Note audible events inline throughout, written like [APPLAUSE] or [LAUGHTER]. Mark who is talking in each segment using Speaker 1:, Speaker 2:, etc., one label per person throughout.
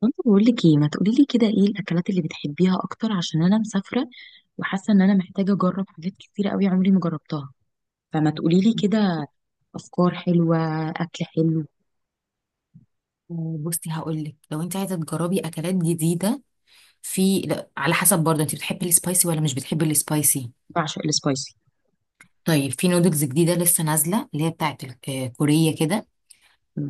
Speaker 1: كنت بقول لك ايه، ما تقولي لي كده ايه الاكلات اللي بتحبيها اكتر؟ عشان انا مسافره وحاسه ان انا محتاجه اجرب حاجات كتيره قوي عمري ما جربتها. فما تقولي لي كده، افكار حلوه، اكل حلو.
Speaker 2: بصي هقول لك لو انت عايزه تجربي اكلات جديده، في، لا على حسب برضه، انت بتحبي السبايسي ولا مش بتحبي السبايسي؟
Speaker 1: بعشق السبايسي.
Speaker 2: طيب في نودلز جديده لسه نازله اللي هي بتاعت كوريه كده،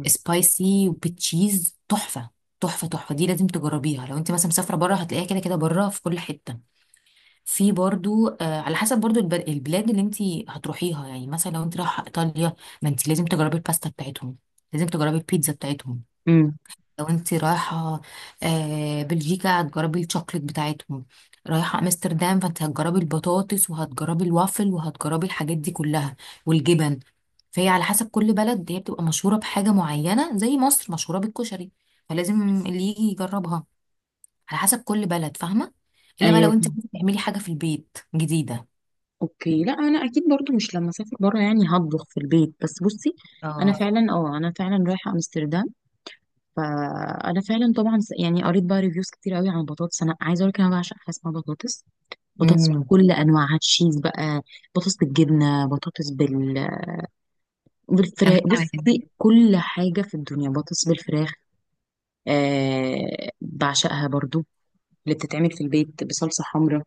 Speaker 2: سبايسي وبتشيز تحفه. تحفه تحفه، دي لازم تجربيها. لو انت مثلا مسافره بره هتلاقيها كده كده بره في كل حته. في برضه على حسب برضه البلاد اللي انت هتروحيها. يعني مثلا لو انت رايحه ايطاليا، ما انت لازم تجربي الباستا بتاعتهم، لازم تجربي البيتزا بتاعتهم.
Speaker 1: امم
Speaker 2: لو انت رايحة بلجيكا هتجربي الشوكليت بتاعتهم. رايحة امستردام فانت هتجربي البطاطس وهتجربي الوافل وهتجربي الحاجات دي كلها، والجبن. فهي على حسب كل بلد، هي بتبقى مشهورة بحاجة معينة، زي مصر مشهورة بالكشري. فلازم اللي يجي يجربها على حسب كل بلد، فاهمة؟ الا بقى لو
Speaker 1: ايوه.
Speaker 2: انت عايزة تعملي حاجة في البيت جديدة.
Speaker 1: اوكي، لا انا اكيد برضو مش لما اسافر بره يعني هطبخ في البيت، بس بصي، انا
Speaker 2: اه.
Speaker 1: فعلا، انا فعلا رايحه امستردام. فانا فعلا طبعا يعني قريت بقى ريفيوز كتير قوي عن البطاطس. انا عايزه اقول لك، انا بعشق حاجه اسمها بطاطس، بطاطس
Speaker 2: امم.
Speaker 1: بكل انواعها، تشيز بقى، بطاطس بالجبنه، بطاطس
Speaker 2: انا
Speaker 1: بالفراخ.
Speaker 2: كمان.
Speaker 1: بصي، كل حاجه في الدنيا بطاطس بالفراخ. آه، بعشقها برضو اللي بتتعمل في البيت بصلصه حمراء.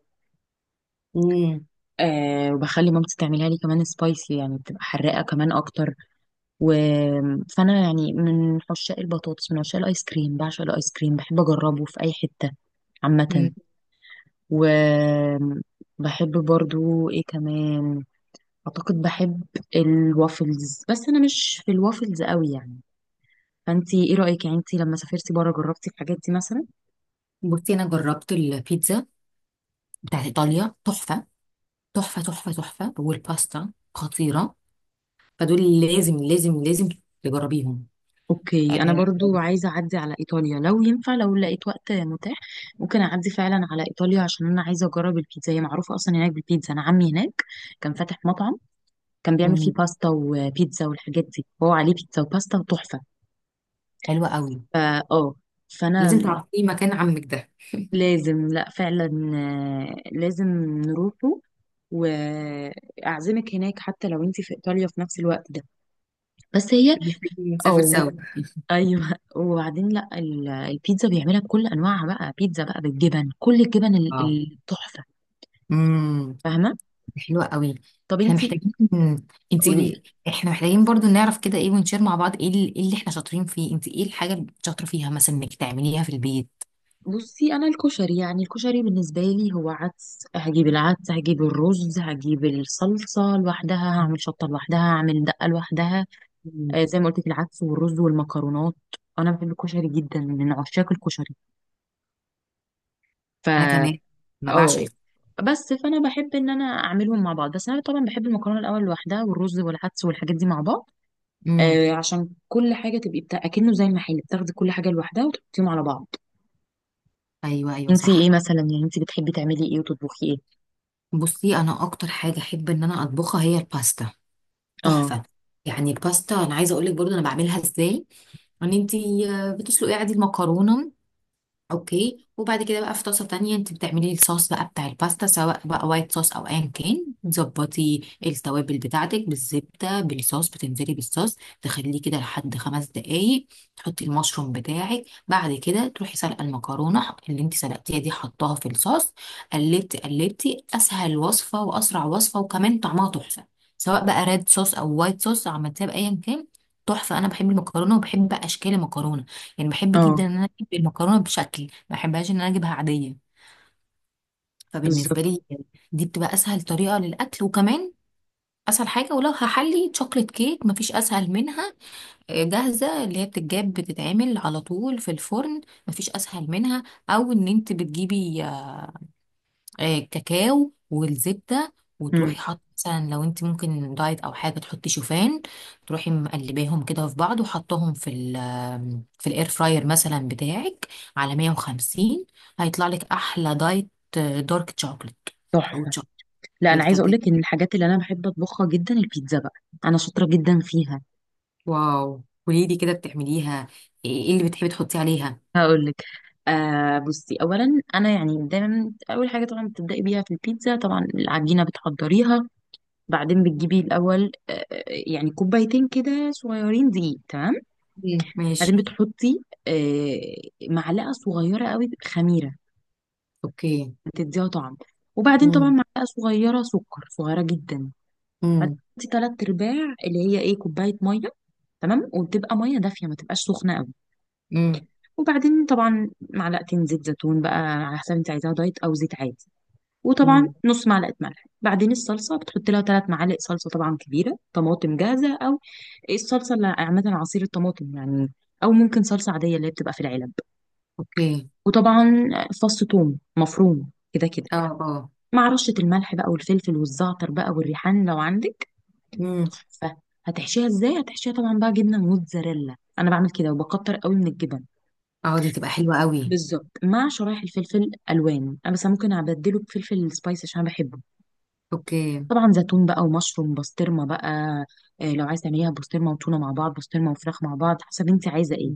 Speaker 2: امم.
Speaker 1: آه، وبخلي مامتي تعملها لي كمان سبايسي، يعني بتبقى حراقه كمان اكتر. و... فانا يعني من عشاق البطاطس، من عشاق الايس كريم، بعشق الايس كريم، بحب اجربه في اي حته عامه. و بحب برضو ايه كمان، اعتقد بحب الوافلز، بس انا مش في الوافلز قوي يعني. فانتي ايه رايك؟ يعني انتي لما سافرتي بره جربتي الحاجات دي مثلا؟
Speaker 2: بصي انا جربت البيتزا بتاعت ايطاليا، تحفة. تحفة تحفة تحفة، والباستا خطيرة. فدول لازم لازم لازم تجربيهم.
Speaker 1: اوكي، انا
Speaker 2: آه.
Speaker 1: برضو عايزه اعدي على ايطاليا لو ينفع، لو لقيت وقت متاح. ممكن اعدي فعلا على ايطاليا عشان انا عايزه اجرب البيتزا، هي معروفه اصلا هناك بالبيتزا. انا عمي هناك كان فاتح مطعم، كان بيعمل فيه
Speaker 2: مم.
Speaker 1: باستا وبيتزا والحاجات دي، هو عليه بيتزا وباستا وتحفه.
Speaker 2: حلوة قوي.
Speaker 1: فا اه فانا
Speaker 2: لازم تعرفي مكان عمك ده،
Speaker 1: لازم، لا فعلا. لازم نروحه، واعزمك هناك حتى لو انت في ايطاليا في نفس الوقت ده. بس هي،
Speaker 2: عشان محتاجين نسافر
Speaker 1: او
Speaker 2: سوا.
Speaker 1: [LAUGHS] ايوه. وبعدين لا، البيتزا بيعملها بكل انواعها بقى، بيتزا بقى بالجبن، كل الجبن
Speaker 2: اه.
Speaker 1: التحفه،
Speaker 2: امم.
Speaker 1: فاهمه.
Speaker 2: حلوة قوي.
Speaker 1: طب
Speaker 2: احنا
Speaker 1: انت،
Speaker 2: محتاجين، انت
Speaker 1: قولي لي.
Speaker 2: احنا محتاجين برضو نعرف كده ايه، ونشير مع بعض ايه إيه اللي احنا شاطرين فيه. انت ايه الحاجة اللي شاطرة فيها مثلا انك تعمليها في البيت؟
Speaker 1: بصي، انا الكشري، يعني الكشري بالنسبه لي هو عدس، هجيب العدس، هجيب الرز، هجيب الصلصه لوحدها، هعمل شطه لوحدها، هعمل دقه لوحدها.
Speaker 2: مم.
Speaker 1: آه، زي ما قلت لك، العدس والرز والمكرونات. انا بحب الكشري جدا، من عشاق الكشري. ف
Speaker 2: انا كمان، انا
Speaker 1: اه
Speaker 2: بعشق.
Speaker 1: بس فانا بحب ان انا اعملهم مع بعض، بس انا طبعا بحب المكرونه الاول لوحدها، والرز والعدس والحاجات دي مع بعض.
Speaker 2: امم.
Speaker 1: آه، عشان كل حاجه تبقي اكنه زي المحل، بتاخدي كل حاجه لوحدها وتحطيهم على بعض.
Speaker 2: ايوه ايوه
Speaker 1: انتي ايه
Speaker 2: صح.
Speaker 1: مثلا؟ يعني انتي بتحبي تعملي ايه وتطبخي ايه؟
Speaker 2: بصي انا اكتر حاجة احب ان انا اطبخها هي الباستا،
Speaker 1: اه،
Speaker 2: تحفه. يعني الباستا انا عايزه اقول لك برضو انا بعملها ازاي. ان انت بتسلقي عادي المكرونه، اوكي. وبعد كده بقى في طاسه تانية انت بتعملي الصوص بقى بتاع الباستا، سواء بقى وايت صوص او ايا كان، تظبطي التوابل بتاعتك بالزبده، بالصوص، بتنزلي بالصوص، تخليه كده لحد 5 دقايق، تحطي المشروم بتاعك. بعد كده تروحي سلقه المكرونه اللي انت سلقتيها دي حطاها في الصوص، قلبتي قلبتي. اسهل وصفه واسرع وصفه، وكمان طعمها تحفه، سواء بقى ريد صوص او وايت صوص، عملتيها بايا كان تحفه. انا بحب المكرونه وبحب اشكال المكرونه، يعني بحب
Speaker 1: اه،
Speaker 2: جدا ان انا اجيب المكرونه بشكل، ما بحبهاش ان انا اجيبها عاديه.
Speaker 1: بالظبط.
Speaker 2: فبالنسبه لي دي بتبقى اسهل طريقه للاكل، وكمان اسهل حاجه. ولو هحلي شوكليت كيك مفيش اسهل منها، جاهزه اللي هي بتتجاب بتتعمل على طول في الفرن، مفيش اسهل منها. او ان انت بتجيبي كاكاو والزبدة،
Speaker 1: امم
Speaker 2: وتروحي حاطة مثلا، لو انت ممكن دايت او حاجة تحطي شوفان، تروحي مقلباهم كده في بعض وحطهم في ال آه، في الاير فراير مثلا بتاعك، على 150، هيطلع لك احلى دايت دارك شوكليت، او
Speaker 1: تحفه.
Speaker 2: شوكليت
Speaker 1: لا انا عايزه اقول
Speaker 2: بالكاكاو.
Speaker 1: لك ان الحاجات اللي انا بحب اطبخها جدا البيتزا بقى، انا شاطره جدا فيها.
Speaker 2: واو، قولي لي كده بتعمليها ايه؟ إيه اللي بتحبي تحطي عليها؟
Speaker 1: هقول لك. آه بصي، اولا انا يعني دايما اول حاجه طبعا بتبداي بيها في البيتزا طبعا العجينه بتحضريها. بعدين بتجيبي الأول، يعني كوبايتين كده صغيرين دقيق، تمام.
Speaker 2: مم. ماشي.
Speaker 1: بعدين بتحطي معلقة صغيرة قوي خميرة،
Speaker 2: اوكي.
Speaker 1: بتديها طعم. وبعدين طبعا
Speaker 2: امم.
Speaker 1: معلقة صغيرة سكر صغيرة جدا. بعدين
Speaker 2: امم.
Speaker 1: بتحطي تلات أرباع اللي هي إيه، كوباية مية، تمام. وبتبقى مية دافية، ما تبقاش سخنة قوي. وبعدين طبعا معلقتين زيت زيتون بقى، على حسب انت عايزاها دايت أو زيت عادي. وطبعا
Speaker 2: امم.
Speaker 1: نص معلقه ملح. بعدين الصلصه بتحط لها ثلاث معالق صلصه، طبعا كبيره، طماطم جاهزه، او الصلصه اللي عامه عصير الطماطم يعني، او ممكن صلصه عاديه اللي هي بتبقى في العلب.
Speaker 2: اوكي.
Speaker 1: وطبعا فص ثوم مفروم، كده كده
Speaker 2: اه اه.
Speaker 1: مع رشه الملح بقى والفلفل والزعتر بقى والريحان لو عندك،
Speaker 2: امم.
Speaker 1: تحفه. هتحشيها ازاي؟ هتحشيها طبعا بقى جبنه موتزاريلا، انا بعمل كده وبكتر قوي من الجبن.
Speaker 2: اه دي تبقى حلوة قوي.
Speaker 1: بالظبط، مع شرايح الفلفل الوان، انا بس ممكن ابدله بفلفل سبايسي عشان أنا بحبه.
Speaker 2: اوكي.
Speaker 1: طبعا زيتون بقى، ومشروم، بسطرمه بقى. آه، لو عايزه تعمليها بسطرمه وتونه مع بعض، بسطرمه وفراخ مع بعض، حسب انت عايزه ايه،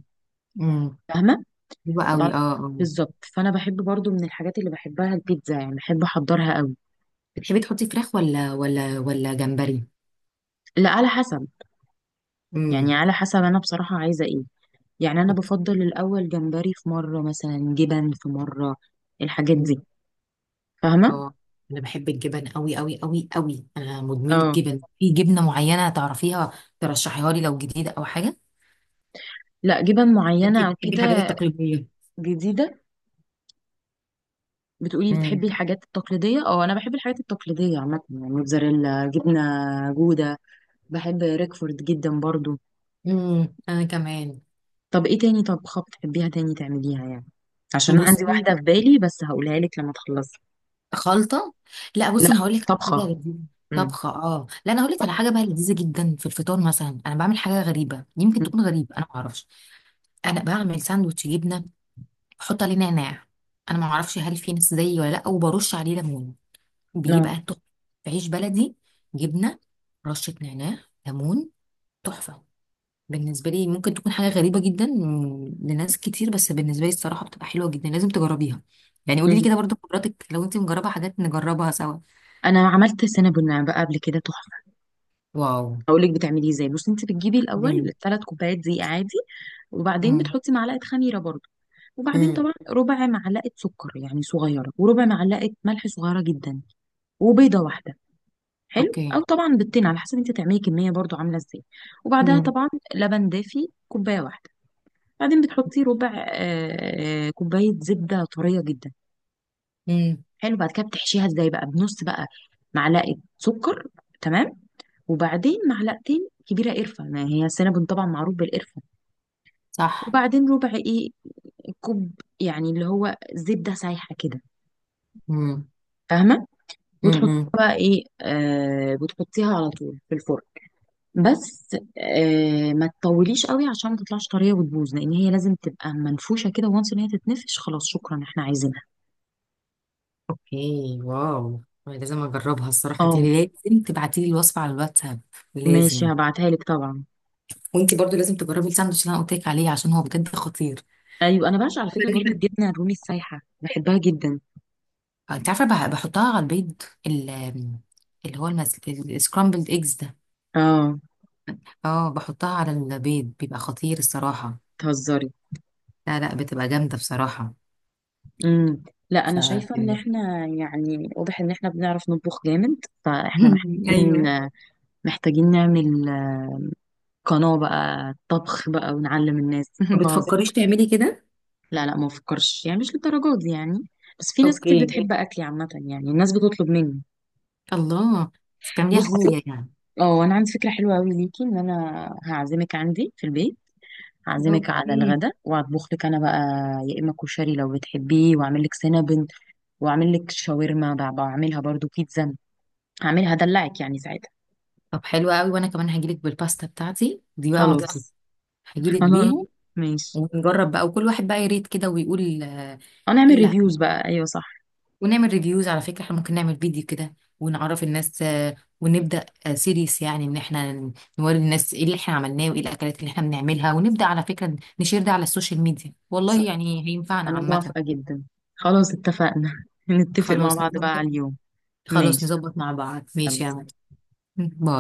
Speaker 2: امم.
Speaker 1: فاهمه.
Speaker 2: حلوة
Speaker 1: طبعا
Speaker 2: قوي اه اه.
Speaker 1: بالظبط. فانا بحب برضو من الحاجات اللي بحبها البيتزا، يعني بحب احضرها قوي.
Speaker 2: بتحبي تحطي فراخ ولا ولا ولا جمبري؟
Speaker 1: لا على حسب، يعني
Speaker 2: امم.
Speaker 1: على حسب انا بصراحه عايزه ايه. يعني انا
Speaker 2: اوكي.
Speaker 1: بفضل الاول جمبري في مره، مثلا جبن في مره، الحاجات
Speaker 2: مم.
Speaker 1: دي، فاهمه.
Speaker 2: اه انا بحب الجبن قوي قوي قوي قوي، انا مدمنة
Speaker 1: اه.
Speaker 2: جبن. في جبنة معينة تعرفيها ترشحيها لي، لو جديدة او حاجة؟
Speaker 1: لا، جبن
Speaker 2: انت
Speaker 1: معينه او
Speaker 2: بتحبي الحاجات
Speaker 1: كده
Speaker 2: التقليدية.
Speaker 1: جديده؟ بتقولي
Speaker 2: مم.
Speaker 1: بتحبي الحاجات التقليديه، اه انا بحب الحاجات التقليديه عامه، يعني موتزاريلا، جبنه جوده، بحب ريكفورد جدا برضو.
Speaker 2: انا كمان.
Speaker 1: طب ايه تاني طبخة بتحبيها تاني تعمليها يعني؟ عشان أنا عندي واحدة
Speaker 2: بصي،
Speaker 1: في بالي بس هقولها لك لما تخلصي.
Speaker 2: خلطة، لا بصي
Speaker 1: لا،
Speaker 2: انا هقول لك حاجة
Speaker 1: طبخة.
Speaker 2: لذيذة.
Speaker 1: امم
Speaker 2: طبخة، اه لا انا هقول لك على حاجة بقى لذيذة جدا في الفطار. مثلا انا بعمل حاجة غريبة، يمكن تكون غريبة انا ما اعرفش. انا بعمل ساندوتش جبنة، بحط عليه نعناع، انا ما اعرفش هل في ناس زيي ولا لا، وبرش عليه ليمون،
Speaker 1: نو.
Speaker 2: بيبقى تحفه. عيش بلدي، جبنه، رشه نعناع، ليمون، تحفه. بالنسبه لي ممكن تكون حاجه غريبه جدا لناس كتير، بس بالنسبه لي الصراحه بتبقى حلوه جدا، لازم تجربيها. يعني قولي لي كده برضو خبراتك، لو انت مجربه حاجات نجربها سوا.
Speaker 1: انا عملت سينابون بقى قبل كده، تحفة.
Speaker 2: واو.
Speaker 1: هقول لك بتعمليه ازاي. بصي، انت بتجيبي
Speaker 2: مم.
Speaker 1: الاول ثلاث كوبايات دقيق عادي. وبعدين
Speaker 2: مم.
Speaker 1: بتحطي معلقة خميرة برضو. وبعدين
Speaker 2: مم.
Speaker 1: طبعا ربع معلقة سكر يعني صغيرة، وربع معلقة ملح صغيرة جدا، وبيضة واحدة. حلو،
Speaker 2: اوكي.
Speaker 1: او طبعا بالتين على حسب انت تعملي كميه برضو عامله ازاي. وبعدها
Speaker 2: مم.
Speaker 1: طبعا لبن دافي كوبايه واحده. بعدين بتحطي ربع كوبايه زبده طريه جدا.
Speaker 2: مم.
Speaker 1: حلو. بعد كده بتحشيها ازاي بقى، بنص بقى معلقه سكر، تمام. وبعدين معلقتين كبيره قرفه، ما هي السينابون طبعا معروف بالقرفه.
Speaker 2: صح.
Speaker 1: وبعدين ربع ايه، كوب، يعني اللي هو زبده سايحه كده،
Speaker 2: مم.
Speaker 1: فاهمه. وتحطيها
Speaker 2: مم.
Speaker 1: بقى ايه، آه، بتحطيها على طول في الفرن. بس آه ما تطوليش قوي عشان ما تطلعش طريه وتبوظ، لان هي لازم تبقى منفوشه كده. وانس ان هي تتنفش، خلاص شكرا احنا عايزينها.
Speaker 2: اوكي. واو، أنا لازم اجربها الصراحه. انت
Speaker 1: اه
Speaker 2: لازم تبعتي لي الوصفه على الواتساب،
Speaker 1: ماشي،
Speaker 2: لازم.
Speaker 1: هبعتها لك طبعا.
Speaker 2: وانت برضو لازم تجربي الساندوتش اللي انا قلت لك عليه، عشان هو بجد خطير.
Speaker 1: ايوه، انا بعشق على
Speaker 2: طب
Speaker 1: فكره برضو
Speaker 2: إحنا،
Speaker 1: الجبنه الرومي السايحه، بحبها جدا.
Speaker 2: انت عارفه بحطها على البيض اللي هو السكرامبلد ايجز ده.
Speaker 1: اه
Speaker 2: اه بحطها على البيض بيبقى خطير الصراحه.
Speaker 1: تهزري.
Speaker 2: لا لا بتبقى جامده بصراحه.
Speaker 1: امم لا، انا شايفه ان
Speaker 2: ف
Speaker 1: احنا يعني واضح ان احنا بنعرف نطبخ جامد. فاحنا
Speaker 2: [LAUGHS]
Speaker 1: محتاجين
Speaker 2: ايوه.
Speaker 1: محتاجين نعمل قناه بقى طبخ بقى ونعلم الناس
Speaker 2: ما
Speaker 1: [LAUGHS] بهزر.
Speaker 2: بتفكريش تعملي كده؟
Speaker 1: لا لا، ما بفكرش، يعني مش للدرجات دي يعني. بس في ناس كتير
Speaker 2: اوكي.
Speaker 1: بتحب اكلي عامه، يعني الناس بتطلب مني.
Speaker 2: الله. بتعمليها
Speaker 1: بصي،
Speaker 2: هوية يعني؟
Speaker 1: اه انا عندي فكره حلوه قوي ليكي، ان انا هعزمك عندي في البيت. هعزمك على
Speaker 2: اوكي.
Speaker 1: الغدا وهطبخ لك انا بقى. يا اما كشري لو بتحبيه، واعمل لك سينابن، واعمل لك شاورما، بعملها برضو بيتزا، هعملها، هدلعك يعني ساعتها.
Speaker 2: طب حلو قوي، وانا كمان هجيلك بالباستا بتاعتي دي بقى ما تطلب،
Speaker 1: خلاص،
Speaker 2: هجيلك
Speaker 1: خلاص
Speaker 2: بيها.
Speaker 1: ماشي.
Speaker 2: ونجرب بقى، وكل واحد بقى يريت كده ويقول
Speaker 1: هنعمل
Speaker 2: لا.
Speaker 1: ريفيوز بقى، ايوه صح،
Speaker 2: ونعمل ريفيوز على فكرة. احنا ممكن نعمل فيديو كده ونعرف الناس ونبدأ سيريس، يعني ان احنا نوري الناس ايه اللي احنا عملناه وايه الاكلات اللي احنا بنعملها، ونبدأ على فكرة نشير ده على السوشيال ميديا، والله
Speaker 1: صح.
Speaker 2: يعني هينفعنا
Speaker 1: انا
Speaker 2: عامة.
Speaker 1: موافقه جدا. خلاص اتفقنا [LAUGHS] نتفق مع
Speaker 2: خلاص
Speaker 1: بعض بقى
Speaker 2: نظبط.
Speaker 1: على اليوم.
Speaker 2: خلاص
Speaker 1: ماشي،
Speaker 2: نظبط مع بعض، ماشي
Speaker 1: يلا
Speaker 2: يا عم.
Speaker 1: سلام.
Speaker 2: [LAUGHS] باي.